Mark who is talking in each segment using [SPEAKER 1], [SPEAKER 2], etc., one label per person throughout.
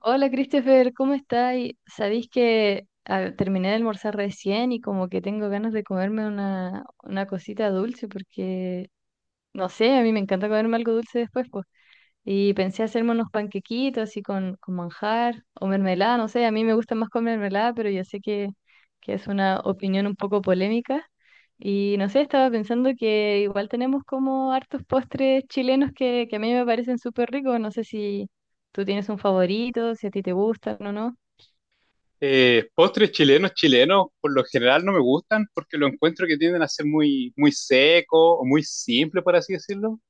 [SPEAKER 1] Hola Christopher, ¿cómo estáis? Sabéis que terminé de almorzar recién y como que tengo ganas de comerme una cosita dulce porque, no sé, a mí me encanta comerme algo dulce después, pues. Y pensé hacerme unos panquequitos así con manjar o mermelada, no sé, a mí me gusta más con mermelada, pero yo sé que es una opinión un poco polémica. Y no sé, estaba pensando que igual tenemos como hartos postres chilenos que a mí me parecen súper ricos. No sé si tú tienes un favorito, si a ti te gustan o no.
[SPEAKER 2] Postres chilenos, chilenos, por lo general no me gustan porque lo encuentro que tienden a ser muy seco o muy simple, por así decirlo.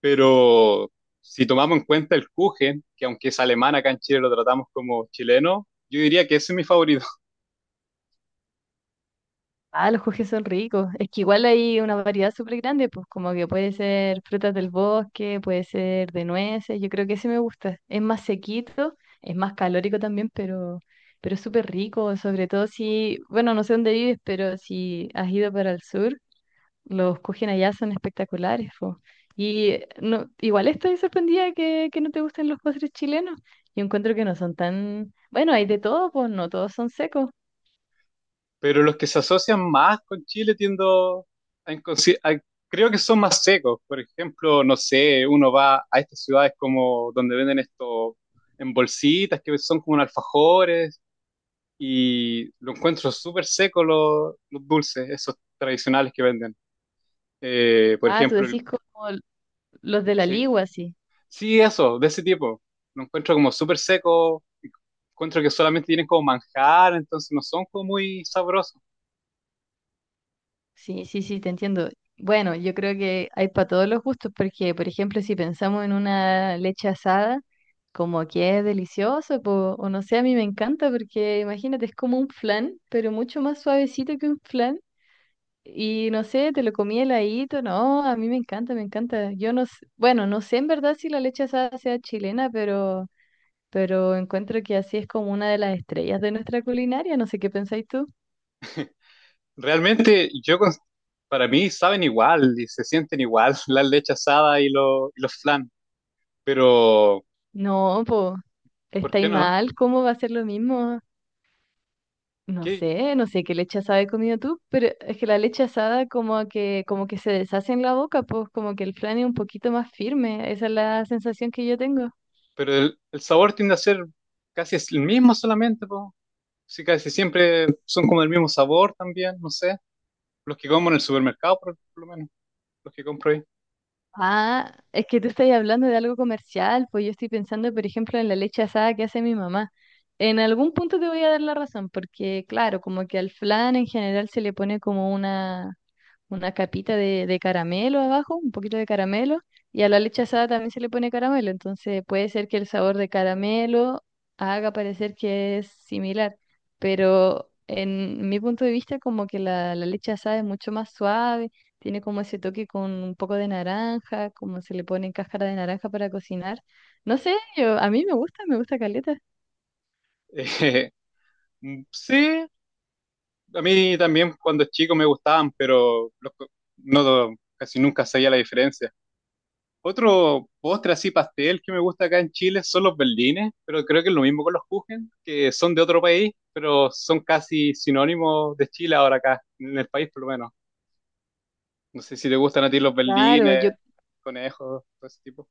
[SPEAKER 2] Pero si tomamos en cuenta el Kuchen, que aunque es alemán, acá en Chile lo tratamos como chileno, yo diría que ese es mi favorito.
[SPEAKER 1] Ah, los jugés son ricos. Es que igual hay una variedad súper grande, pues como que puede ser frutas del bosque, puede ser de nueces. Yo creo que ese me gusta. Es más sequito, es más calórico también, pero es súper rico. Sobre todo si, bueno, no sé dónde vives, pero si has ido para el sur, los kujen allá son espectaculares, po. Y no, igual estoy sorprendida que no te gusten los postres chilenos. Yo encuentro que no son tan, bueno, hay de todo, pues no todos son secos.
[SPEAKER 2] Pero los que se asocian más con Chile tiendo a, creo que son más secos. Por ejemplo, no sé, uno va a estas ciudades como donde venden esto en bolsitas, que son como un alfajores y lo encuentro súper seco los dulces, esos tradicionales que venden. Por
[SPEAKER 1] Ah, tú
[SPEAKER 2] ejemplo,
[SPEAKER 1] decís como los de la
[SPEAKER 2] sí,
[SPEAKER 1] Ligua, sí.
[SPEAKER 2] sí, eso, de ese tipo. Lo encuentro como súper seco, encuentro que solamente tienen como manjar, entonces no son como muy sabrosos.
[SPEAKER 1] Sí, sí, sí, te entiendo. Bueno, yo creo que hay para todos los gustos, porque, por ejemplo, si pensamos en una leche asada, como que es delicioso, po, o no sé, a mí me encanta, porque imagínate, es como un flan, pero mucho más suavecito que un flan. Y no sé, te lo comí heladito, no, a mí me encanta, me encanta. Yo no sé, bueno, no sé en verdad si la leche asada sea chilena, pero encuentro que así es como una de las estrellas de nuestra culinaria, no sé qué pensáis tú.
[SPEAKER 2] Realmente para mí, saben igual y se sienten igual la leche asada y, y los flan, pero
[SPEAKER 1] No, pues,
[SPEAKER 2] ¿por
[SPEAKER 1] estáis
[SPEAKER 2] qué no?
[SPEAKER 1] mal, ¿cómo va a ser lo mismo? No
[SPEAKER 2] ¿Qué- qué-
[SPEAKER 1] sé, no sé qué leche asada he comido tú, pero es que la leche asada como que se deshace en la boca, pues como que el flan es un poquito más firme, esa es la sensación que yo tengo.
[SPEAKER 2] Pero el sabor tiende a ser casi el mismo solamente, po. Sí, casi siempre son como del mismo sabor también, no sé. Los que como en el supermercado, por lo menos, los que compro ahí.
[SPEAKER 1] Ah, es que tú estás hablando de algo comercial, pues yo estoy pensando, por ejemplo, en la leche asada que hace mi mamá. En algún punto te voy a dar la razón, porque claro, como que al flan en general se le pone como una capita de caramelo abajo, un poquito de caramelo, y a la leche asada también se le pone caramelo, entonces puede ser que el sabor de caramelo haga parecer que es similar, pero en mi punto de vista como que la leche asada es mucho más suave, tiene como ese toque con un poco de naranja, como se le pone en cáscara de naranja para cocinar. No sé, yo, a mí me gusta caleta.
[SPEAKER 2] Eh, sí, a mí también cuando chico me gustaban, no casi nunca sabía la diferencia. Otro postre así pastel que me gusta acá en Chile son los berlines, pero creo que es lo mismo con los kuchen, que son de otro país, pero son casi sinónimos de Chile ahora acá, en el país por lo menos. No sé si te gustan a ti los
[SPEAKER 1] Claro,
[SPEAKER 2] berlines,
[SPEAKER 1] yo
[SPEAKER 2] conejos, todo ese tipo.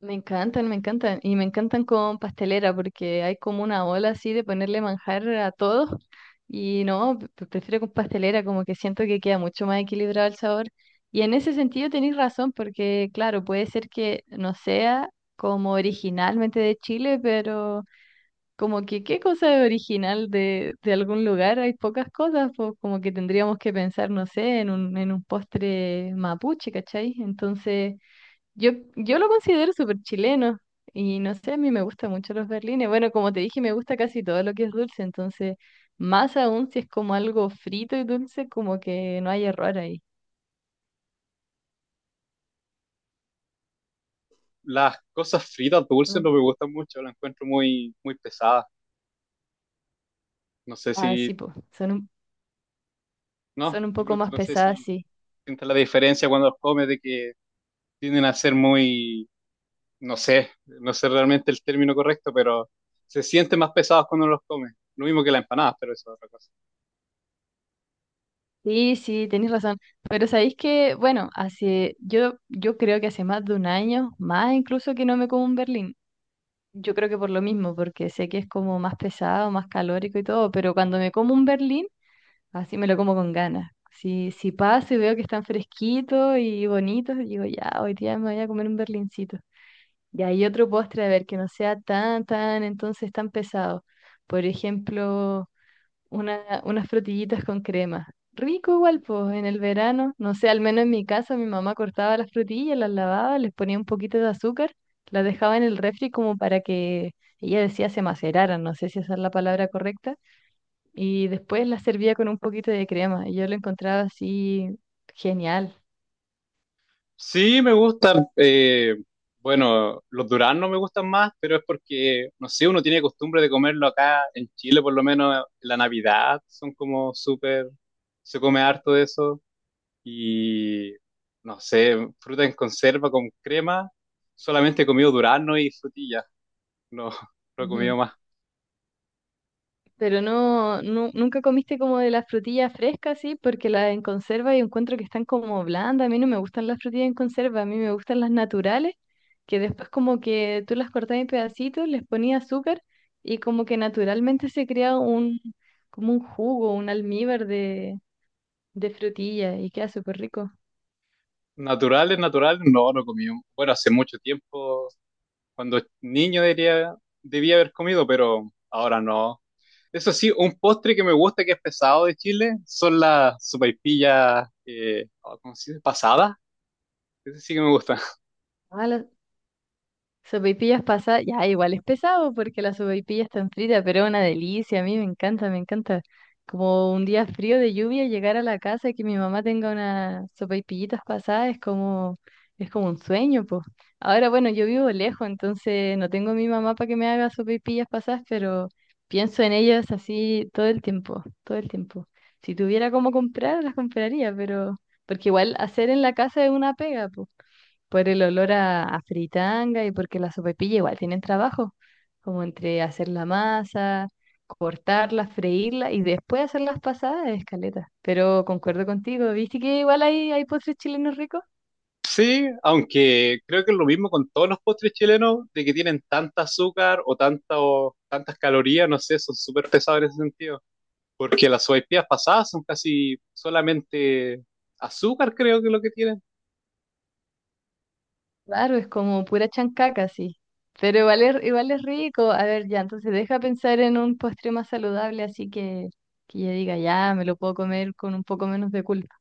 [SPEAKER 1] me encantan, me encantan. Y me encantan con pastelera porque hay como una ola así de ponerle manjar a todo. Y no, prefiero con pastelera, como que siento que queda mucho más equilibrado el sabor. Y en ese sentido tenéis razón porque, claro, puede ser que no sea como originalmente de Chile, pero como que qué cosa es original de algún lugar, hay pocas cosas, pues como que tendríamos que pensar, no sé, en un postre mapuche, ¿cachai? Entonces... Yo lo considero súper chileno y no sé, a mí me gustan mucho los berlines. Bueno, como te dije, me gusta casi todo lo que es dulce, entonces, más aún si es como algo frito y dulce, como que no hay error ahí.
[SPEAKER 2] Las cosas fritas dulces
[SPEAKER 1] No-
[SPEAKER 2] no me gustan mucho, las encuentro muy pesadas. No sé si,
[SPEAKER 1] Ah, sí, pues,
[SPEAKER 2] no,
[SPEAKER 1] son un
[SPEAKER 2] de
[SPEAKER 1] poco
[SPEAKER 2] pronto
[SPEAKER 1] más
[SPEAKER 2] no sé
[SPEAKER 1] pesadas,
[SPEAKER 2] si
[SPEAKER 1] sí.
[SPEAKER 2] sientes la diferencia cuando las comes de que tienden a ser no sé, no sé realmente el término correcto, pero se sienten más pesados cuando los comes. Lo mismo que las empanadas, pero eso es otra cosa.
[SPEAKER 1] Sí, sí, tenéis razón. Pero sabéis que, bueno, hace, yo creo que hace más de un año, más incluso que no me como un berlín. Yo creo que por lo mismo, porque sé que es como más pesado, más calórico y todo, pero cuando me como un berlín, así me lo como con ganas. Si, si paso y veo que están fresquitos y bonitos, digo, ya, hoy día me voy a comer un berlincito. Y hay otro postre, a ver, que no sea tan, tan, entonces tan pesado. Por ejemplo, una, unas frutillitas con crema. Rico igual, pues, en el verano. No sé, al menos en mi casa mi mamá cortaba las frutillas, las lavaba, les ponía un poquito de azúcar, las dejaba en el refri como para que, ella decía, se maceraran, no sé si esa es la palabra correcta y después la servía con un poquito de crema y yo lo encontraba así genial.
[SPEAKER 2] Sí, me gustan. Bueno, los duraznos me gustan más, pero es porque, no sé, uno tiene costumbre de comerlo acá en Chile, por lo menos en la Navidad, son como súper, se come harto de eso. Y, no sé, fruta en conserva con crema, solamente he comido durazno y frutilla, no, no he comido
[SPEAKER 1] Ujú.
[SPEAKER 2] más.
[SPEAKER 1] Pero no, nunca comiste como de las frutillas frescas, sí, porque las en conserva y encuentro que están como blandas. A mí no me gustan las frutillas en conserva, a mí me gustan las naturales, que después como que tú las cortabas en pedacitos, les ponías azúcar y como que naturalmente se crea un, como un jugo, un almíbar de frutilla y queda súper rico.
[SPEAKER 2] Naturales, naturales, no, no comí. Bueno, hace mucho tiempo, cuando niño diría, debía haber comido, pero ahora no. Eso sí, un postre que me gusta, que es pesado de Chile, son las sopaipillas, oh, ¿cómo se dice? Pasadas. Ese sí que me gusta.
[SPEAKER 1] Ah, la sopaipillas pasa, ya igual es pesado porque la sopaipilla está frita, pero es una delicia, a mí me encanta, me encanta. Como un día frío de lluvia llegar a la casa y que mi mamá tenga unas sopaipillitas pasadas es como un sueño, pues. Ahora bueno, yo vivo lejos, entonces no tengo a mi mamá para que me haga sopaipillas pasadas, pero pienso en ellas así todo el tiempo, todo el tiempo. Si tuviera cómo comprar, las compraría, pero porque igual hacer en la casa es una pega, pues por el olor a fritanga y porque la sopaipilla igual tienen trabajo, como entre hacer la masa, cortarla, freírla y después hacer las pasadas de caleta. Pero concuerdo contigo, ¿viste que igual hay postres chilenos ricos?
[SPEAKER 2] Sí, aunque creo que es lo mismo con todos los postres chilenos, de que tienen tanta azúcar o, tanta, o tantas calorías, no sé, son súper pesados en ese sentido. Porque las sopaipillas pasadas son casi solamente azúcar, creo que es lo que tienen.
[SPEAKER 1] Claro, es como pura chancaca, sí. Pero igual es rico. A ver, ya, entonces deja pensar en un postre más saludable, así que ya diga, ya, me lo puedo comer con un poco menos de culpa.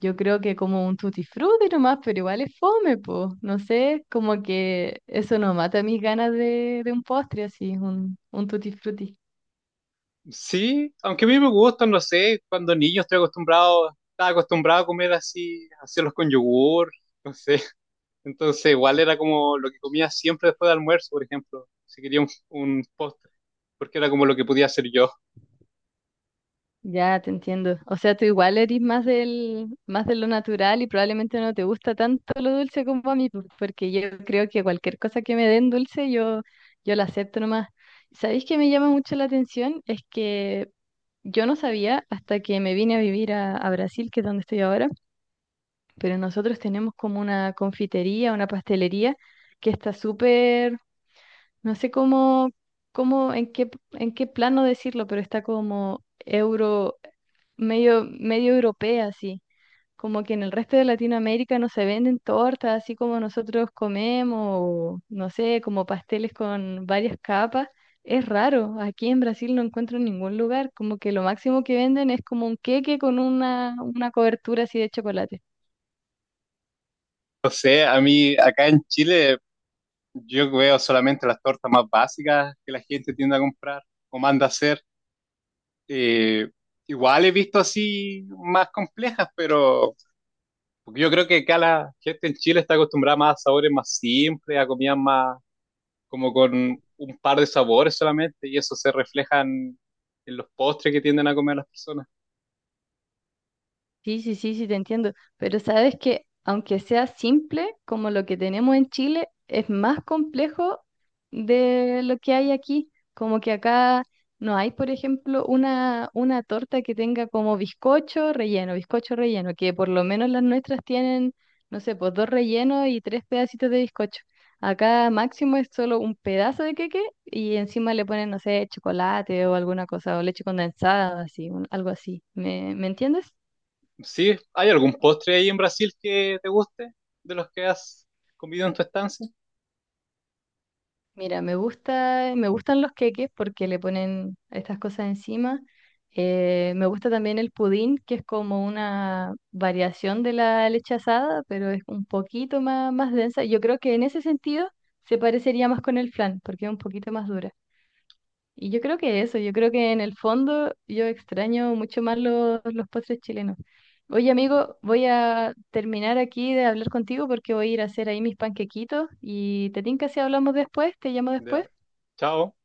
[SPEAKER 1] Yo creo que como un tutti frutti nomás, pero igual es fome, po. No sé, como que eso no mata mis ganas de un postre así, un tutti frutti.
[SPEAKER 2] Sí, aunque a mí me gustan, no sé, cuando niño estoy acostumbrado, estaba acostumbrado a comer así, hacerlos con yogur, no sé. Entonces, igual era como lo que comía siempre después del almuerzo, por ejemplo, si quería un postre, porque era como lo que podía hacer yo.
[SPEAKER 1] Ya te entiendo. O sea, tú igual eres más del, más de lo natural y probablemente no te gusta tanto lo dulce como a mí, po, porque yo creo que cualquier cosa que me den dulce, yo la acepto nomás. ¿Sabéis que me llama mucho la atención? Es que yo no sabía hasta que me vine a vivir a Brasil, que es donde estoy ahora, pero nosotros tenemos como una confitería, una pastelería que está súper, no sé cómo, cómo, en qué plano decirlo, pero está como euro, medio, medio europea, así. Como que en el resto de Latinoamérica no se venden tortas así como nosotros comemos, o no sé, como pasteles con varias capas. Es raro, aquí en Brasil no encuentro en ningún lugar, como que lo máximo que venden es como un queque con una cobertura así de chocolate.
[SPEAKER 2] No sé, a mí acá en Chile yo veo solamente las tortas más básicas que la gente tiende a comprar o manda a hacer. Eh, Igual he visto así más complejas, pero porque yo creo que acá la gente en Chile está acostumbrada más a sabores más simples, a comidas más como con un par de sabores solamente, y eso se refleja en los postres que tienden a comer las personas.
[SPEAKER 1] Sí, sí, sí, sí, te entiendo. Pero sabes que aunque sea simple, como lo que tenemos en Chile, es más complejo de lo que hay aquí. Como que acá no hay, por ejemplo, una torta que tenga como bizcocho relleno, que por lo menos las nuestras tienen, no sé, pues dos rellenos y tres pedacitos de bizcocho. Acá máximo es solo un pedazo de queque y encima le ponen, no sé, chocolate o alguna cosa, o leche condensada, así, algo así. ¿Me, me entiendes?
[SPEAKER 2] ¿Sí? ¿Hay algún postre ahí en Brasil que te guste de los que has comido en tu estancia?
[SPEAKER 1] Mira, me gusta, me gustan los queques porque le ponen estas cosas encima. Me gusta también el pudín, que es como una variación de la leche asada, pero es un poquito más, más densa. Yo creo que en ese sentido se parecería más con el flan, porque es un poquito más dura. Y yo creo que eso, yo creo que en el fondo yo extraño mucho más los postres chilenos. Oye, amigo, voy a terminar aquí de hablar contigo porque voy a ir a hacer ahí mis panquequitos y te tinca si hablamos después, te llamo después.
[SPEAKER 2] Ya. Chao.